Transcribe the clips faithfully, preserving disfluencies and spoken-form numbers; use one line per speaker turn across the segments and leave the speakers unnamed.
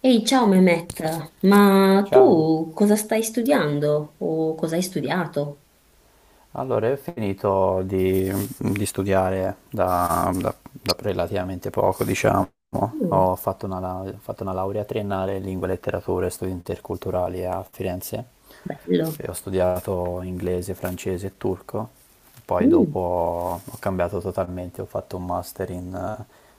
Ehi, ciao Mehmet, ma
Ciao,
tu cosa stai studiando o cosa hai studiato?
allora io ho finito di, di studiare da, da- da relativamente poco, diciamo.
Mm,
Ho fatto una, lau- ho fatto una laurea triennale in lingue e letterature e studi interculturali a Firenze
bello.
e ho studiato inglese, francese e turco. Poi
Mm,
dopo ho cambiato totalmente, ho fatto un master in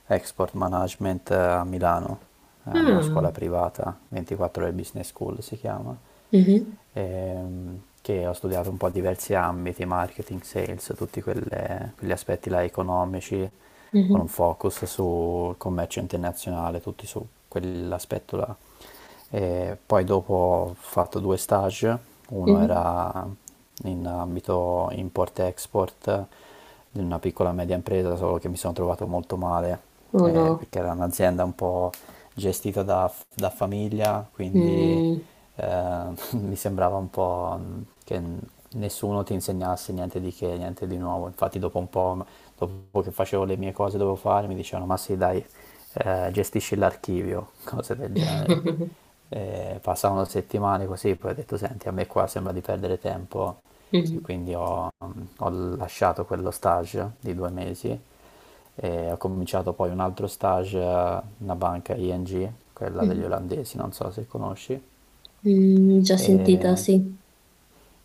eh, export management, eh, a Milano. È una
ah,
scuola privata, ventiquattro ore business school si chiama.
mhm,
ehm, che ho studiato un po' diversi ambiti, marketing, sales, tutti quelle- quegli aspetti là economici, con un
mhm,
focus sul commercio internazionale, tutti su quell'aspetto là. E poi dopo ho fatto due stage, uno
mhm.
era in ambito import-export, di una piccola e media impresa, solo che mi sono trovato molto male,
Oh
eh,
no.
perché era un'azienda un po' gestita da, da famiglia, quindi
Mm.
eh, mi sembrava un po' che nessuno ti insegnasse niente di che, niente di nuovo. Infatti dopo un po', dopo che facevo le mie cose dovevo fare, mi dicevano, ma sì, dai, eh, gestisci l'archivio, cose del genere. Eh, passavano settimane così, poi ho detto, senti, a me qua sembra di perdere tempo e
Mhm,
quindi ho, mm, ho lasciato quello stage di due mesi e ho cominciato poi un altro stage a una banca I N G, quella degli
mhm.
olandesi, non so se conosci,
Mm, già
e
sentita, sì.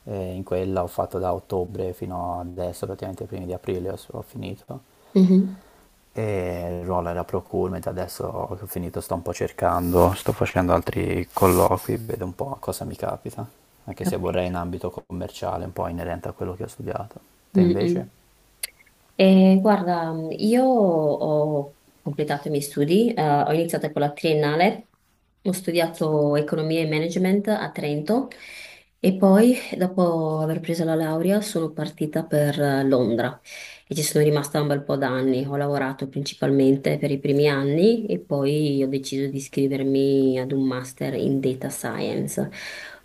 e in quella ho fatto da ottobre fino adesso, praticamente i primi di aprile ho ho finito.
Mhm.
E il ruolo era procurement, adesso che ho finito sto un po' cercando, sto facendo altri colloqui, vedo un po' cosa mi capita, anche se vorrei
Capito.
in ambito commerciale, un po' inerente a quello che ho studiato. Te
Mm,
invece?
mm. Eh, guarda, io ho completato i miei studi, eh, ho iniziato con la triennale, ho studiato economia e management a Trento e poi, dopo aver preso la laurea, sono partita per eh, Londra e ci sono rimasta un bel po' d'anni. Ho lavorato principalmente per i primi anni e poi ho deciso di iscrivermi ad un master in data science,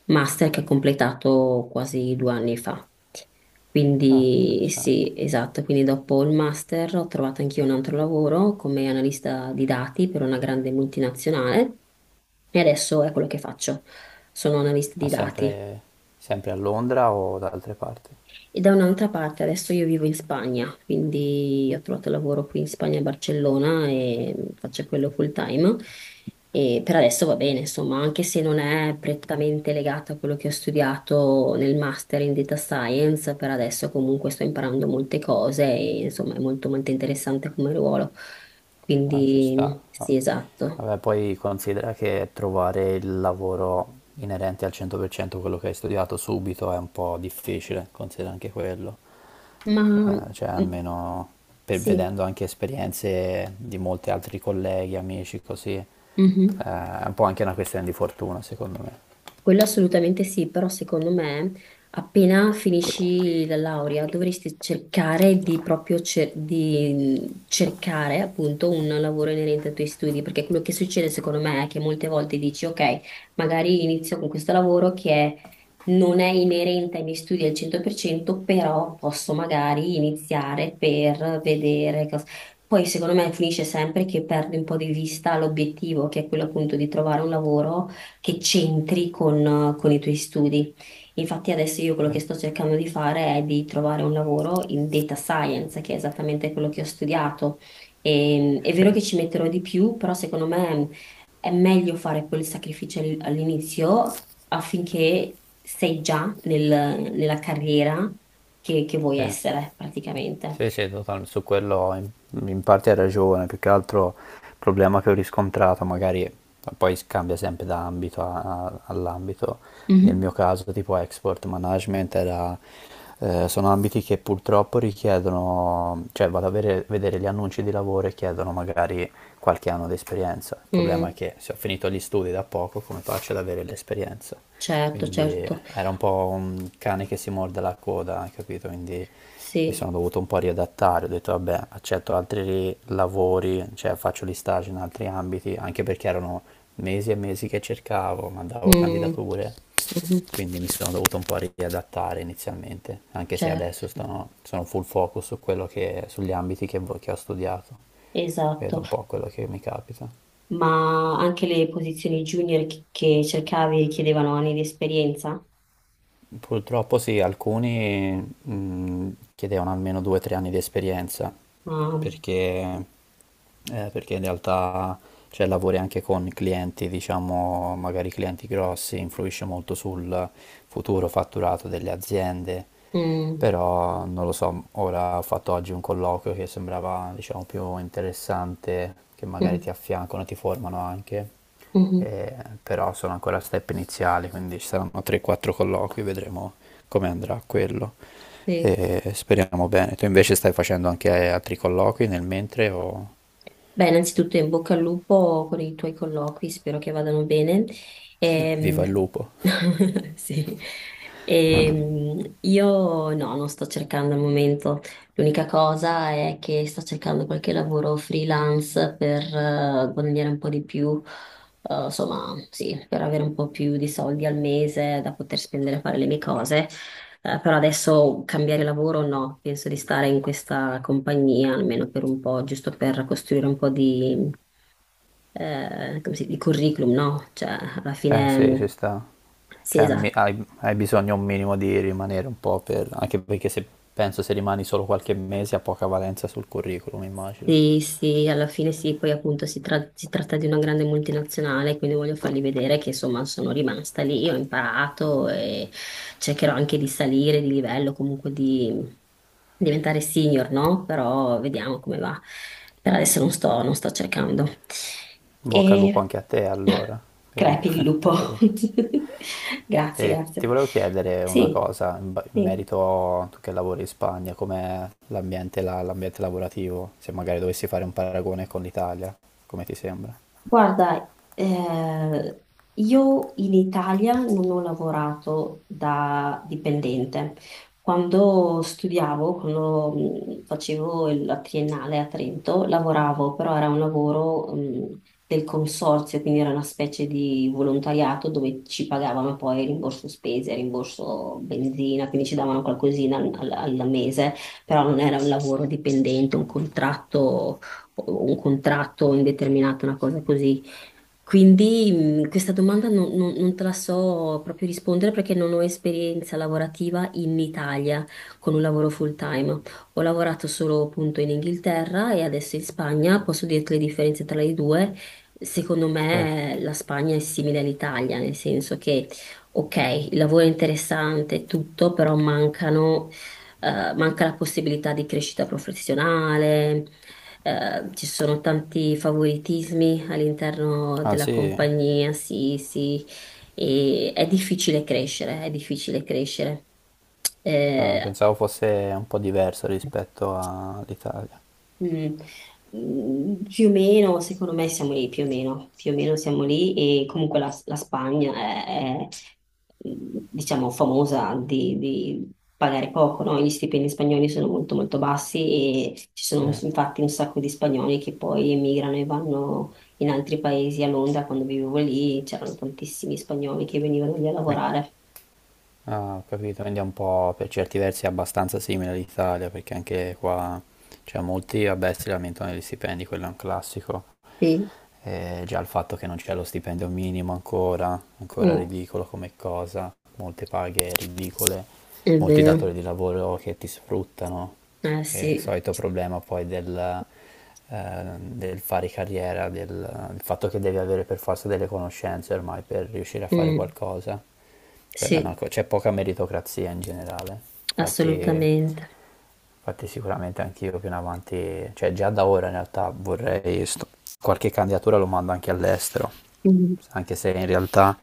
master che ho completato quasi due anni fa.
Ah,
Quindi
interessante.
sì, esatto, quindi dopo il master ho trovato anch'io un altro lavoro come analista di dati per una grande multinazionale e adesso è quello che faccio. Sono analista
Ma
di dati
sempre, sempre a Londra o da altre parti?
e da un'altra parte, adesso io vivo in Spagna, quindi ho trovato lavoro qui in Spagna, a Barcellona e faccio quello full time. E per adesso va bene, insomma, anche se non è prettamente legato a quello che ho studiato nel master in data science, per adesso comunque sto imparando molte cose e insomma è molto molto interessante come ruolo.
Ah, ci sta.
Quindi
Ah.
sì, esatto.
Vabbè, poi considera che trovare il lavoro inerente al cento per cento quello che hai studiato subito è un po' difficile, considera anche quello.
Ma
Eh, cioè,
mm,
almeno per-
sì.
vedendo anche esperienze di molti altri colleghi, amici, così, eh,
Mhm.
è un po' anche una questione di fortuna, secondo me.
Quello assolutamente sì, però secondo me appena finisci la laurea dovresti cercare di proprio cer- di cercare appunto un lavoro inerente ai tuoi studi, perché quello che succede secondo me è che molte volte dici ok, magari inizio con questo lavoro che è non è inerente ai miei studi al cento per cento, però posso magari iniziare per vedere cosa... Poi secondo me finisce sempre che perdi un po' di vista l'obiettivo, che è quello appunto di trovare un lavoro che c'entri con, con i tuoi studi. Infatti adesso io quello che sto
Certo.
cercando di fare è di trovare un lavoro in data science, che è esattamente quello che ho studiato. E- è vero che ci metterò di più, però secondo me è meglio fare quel sacrificio all- all'inizio affinché sei già nel- nella carriera che, che vuoi
Sì.
essere praticamente.
Sì, sì, totalmente, su quello in, in parte hai ragione, più che altro il problema che ho riscontrato, magari poi cambia sempre da ambito a- a- all'ambito, nel
Mhm.
mio caso tipo export management era, eh, sono ambiti che purtroppo richiedono, cioè vado a vere- vedere gli annunci di lavoro e chiedono magari qualche anno di esperienza, il problema è
Mm,
che se ho finito gli studi da poco come faccio ad avere l'esperienza?
certo,
Quindi
certo,
era un po' un cane che si morde la coda, hai capito? Quindi mi
sì,
sono dovuto un po' riadattare, ho detto vabbè, accetto altri lavori, cioè faccio gli stage in altri ambiti, anche perché erano mesi e mesi che cercavo, mandavo
Mm,
candidature,
mhm,
quindi mi sono dovuto un po' riadattare inizialmente, anche se adesso
certo,
sono, sono full focus su quello che, sugli ambiti che, vo- che ho studiato, vedo
esatto.
un po' quello che mi capita.
Ma anche le posizioni junior che, che cercavi chiedevano anni di esperienza?
Purtroppo sì, alcuni mh, chiedevano almeno due o tre anni di esperienza,
Ah,
perché, eh, perché in realtà cioè, lavori anche con clienti, diciamo, magari clienti grossi, influisce molto sul futuro fatturato delle aziende.
mm,
Però non lo so, ora ho fatto oggi un colloquio che sembrava, diciamo, più interessante, che magari
mm,
ti affiancano, ti formano anche,
mhm,
eh, però sono ancora a step iniziali, quindi ci saranno tre o quattro colloqui, vedremo come andrà quello.
sì.
E speriamo bene. Tu invece stai facendo anche altri colloqui nel mentre o
Beh, innanzitutto in bocca al lupo con i tuoi colloqui, spero che vadano bene.
vi- viva il
Ehm,
lupo?
sì. Ehm, io no, non sto cercando al momento. L'unica cosa è che sto cercando qualche lavoro freelance per eh, guadagnare un po' di più, eh, insomma, sì, per avere un po' più di soldi al mese da poter spendere a fare le mie cose. Eh, però adesso cambiare lavoro no, penso di stare in questa compagnia almeno per un po', giusto per costruire un po' di, eh, come si- di curriculum, no? Cioè, alla
Eh
fine,
sì, ci
mh,
sta.
sì,
Cioè, al mi-
esatto.
hai, hai bisogno un minimo di rimanere un po' per... anche perché se penso se rimani solo qualche mese ha poca valenza sul curriculum, immagino.
Sì, sì, alla fine sì, poi appunto si, tra- si tratta di una grande multinazionale, quindi voglio fargli vedere che insomma sono rimasta lì, ho imparato e cercherò anche di salire di livello, comunque di diventare senior, no? Però vediamo come va. Per adesso non sto, non sto cercando.
Bocca al lupo
E
anche a te allora.
crepi il
per-
lupo.
per-
Grazie,
E ti
grazie.
volevo chiedere una
Sì,
cosa in, ba- in
sì.
merito a tu che lavori in Spagna, com'è l'ambiente là- l'ambiente lavorativo, se magari dovessi fare un paragone con l'Italia, come ti sembra?
Guarda, eh, io in Italia non ho lavorato da dipendente. Quando studiavo, quando mh, facevo il- la triennale a Trento, lavoravo, però era un lavoro, mh, del consorzio, quindi era una specie di volontariato dove ci pagavano poi rimborso spese, rimborso benzina, quindi ci davano qualcosina al, al al mese, però non era un lavoro dipendente, un contratto o un contratto indeterminato, una cosa così. Quindi mh, questa domanda non, non- non te la so proprio rispondere perché non ho esperienza lavorativa in Italia con un lavoro full time. Ho lavorato solo appunto in Inghilterra e adesso in Spagna. Posso dirti le differenze tra le due. Secondo
Sì.
me la Spagna è simile all'Italia, nel senso che, ok, il lavoro è interessante, e tutto, però mancano eh, manca la possibilità di crescita professionale, eh, ci sono tanti favoritismi all'interno
Ah
della
sì.
compagnia, sì, sì, e è difficile crescere, è difficile crescere.
Ah,
Eh,
pensavo fosse un po' diverso rispetto all'Italia.
Mm. Mm, Più o meno, secondo me siamo lì, più o meno, più o meno siamo lì e comunque la, la Spagna è, è, mm, diciamo, famosa di, di pagare poco, no? Gli stipendi spagnoli sono molto molto bassi e ci
Sì.
sono infatti un sacco di spagnoli che poi emigrano e vanno in altri paesi. A Londra, quando vivevo lì, c'erano tantissimi spagnoli che venivano lì a
Qui?
lavorare.
Ah, ho capito, quindi è un po' per certi versi abbastanza simile all'Italia, perché anche qua, cioè molti, vabbè, si lamentano degli stipendi, quello è un classico,
Sì,
eh, già il fatto che non c'è lo stipendio minimo ancora, ancora
mm,
ridicolo come cosa, molte paghe ridicole,
è
molti
vero,
datori di lavoro che ti sfruttano,
eh
e il
sì,
solito problema poi del, eh, del fare carriera, del, il fatto che devi avere per forza delle conoscenze ormai per riuscire a fare
Mm,
qualcosa. Quella è una
sì,
co- c'è poca meritocrazia in generale, infatti.
assolutamente.
Infatti sicuramente anch'io più in avanti, cioè già da ora in realtà vorrei sto- qualche candidatura lo mando anche all'estero, anche se in realtà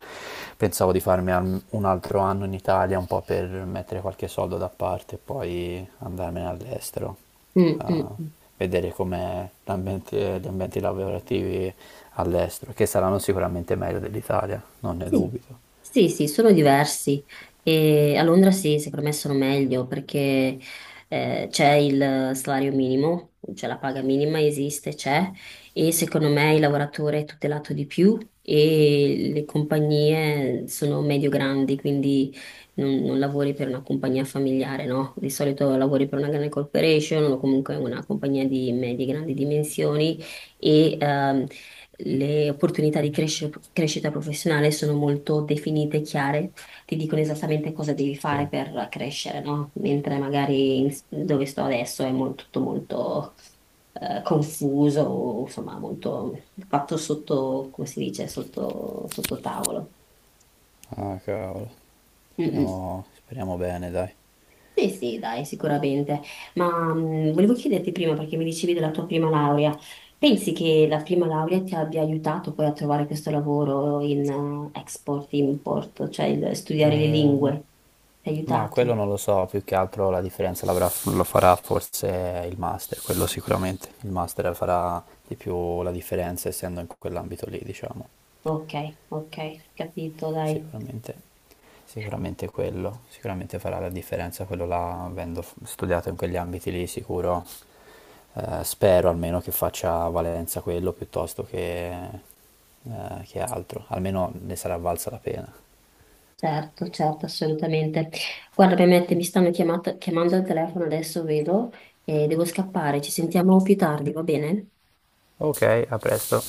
pensavo di farmi al- un altro anno in Italia un po' per mettere qualche soldo da parte e poi andarmene all'estero,
Mm,
a
mm, mm.
vedere come l'ambiente- gli ambienti lavorativi all'estero, che saranno sicuramente meglio dell'Italia, non ne
Sì,
dubito.
sì, sì, sono diversi e a Londra sì, secondo me sono meglio perché eh, c'è il salario minimo, cioè la paga minima esiste, c'è e secondo me il lavoratore è tutelato di più e le compagnie sono medio-grandi, quindi non, non lavori per una compagnia familiare, no? Di solito lavori per una grande corporation o comunque una compagnia di medie-grandi dimensioni e ehm, le opportunità di cresce- crescita professionale sono molto definite e chiare, ti dicono esattamente cosa devi fare
Sì,
per crescere, no? Mentre magari in- dove sto adesso è molto, tutto molto eh, confuso, insomma, molto fatto sotto, come si dice, sotto, sotto tavolo.
ah cavolo,
Mm, mm.
speriamo, speriamo bene, dai.
Sì, sì, dai, sicuramente. Ma mh, volevo chiederti prima, perché mi dicevi della tua prima laurea, pensi che la prima laurea ti abbia aiutato poi a trovare questo lavoro in eh, export, import, cioè il- studiare le
Ehm,
lingue? Ti ha
ma quello
aiutato?
non lo so, più che altro la differenza l'avrà- lo farà forse il master, quello sicuramente. Il master farà di più la differenza essendo in quell'ambito lì, diciamo.
Ok, ok, capito, dai.
Sicuramente, sicuramente quello, sicuramente farà la differenza quello là, avendo f- studiato in quegli ambiti lì, sicuro. Eh, spero almeno che faccia valenza quello piuttosto che, eh, che altro, almeno ne sarà valsa la pena.
Certo, certo, assolutamente. Guarda, Mehmet, mi stanno chiamata- chiamando al telefono, adesso vedo e devo scappare. Ci sentiamo più tardi, va bene?
Ok, a presto.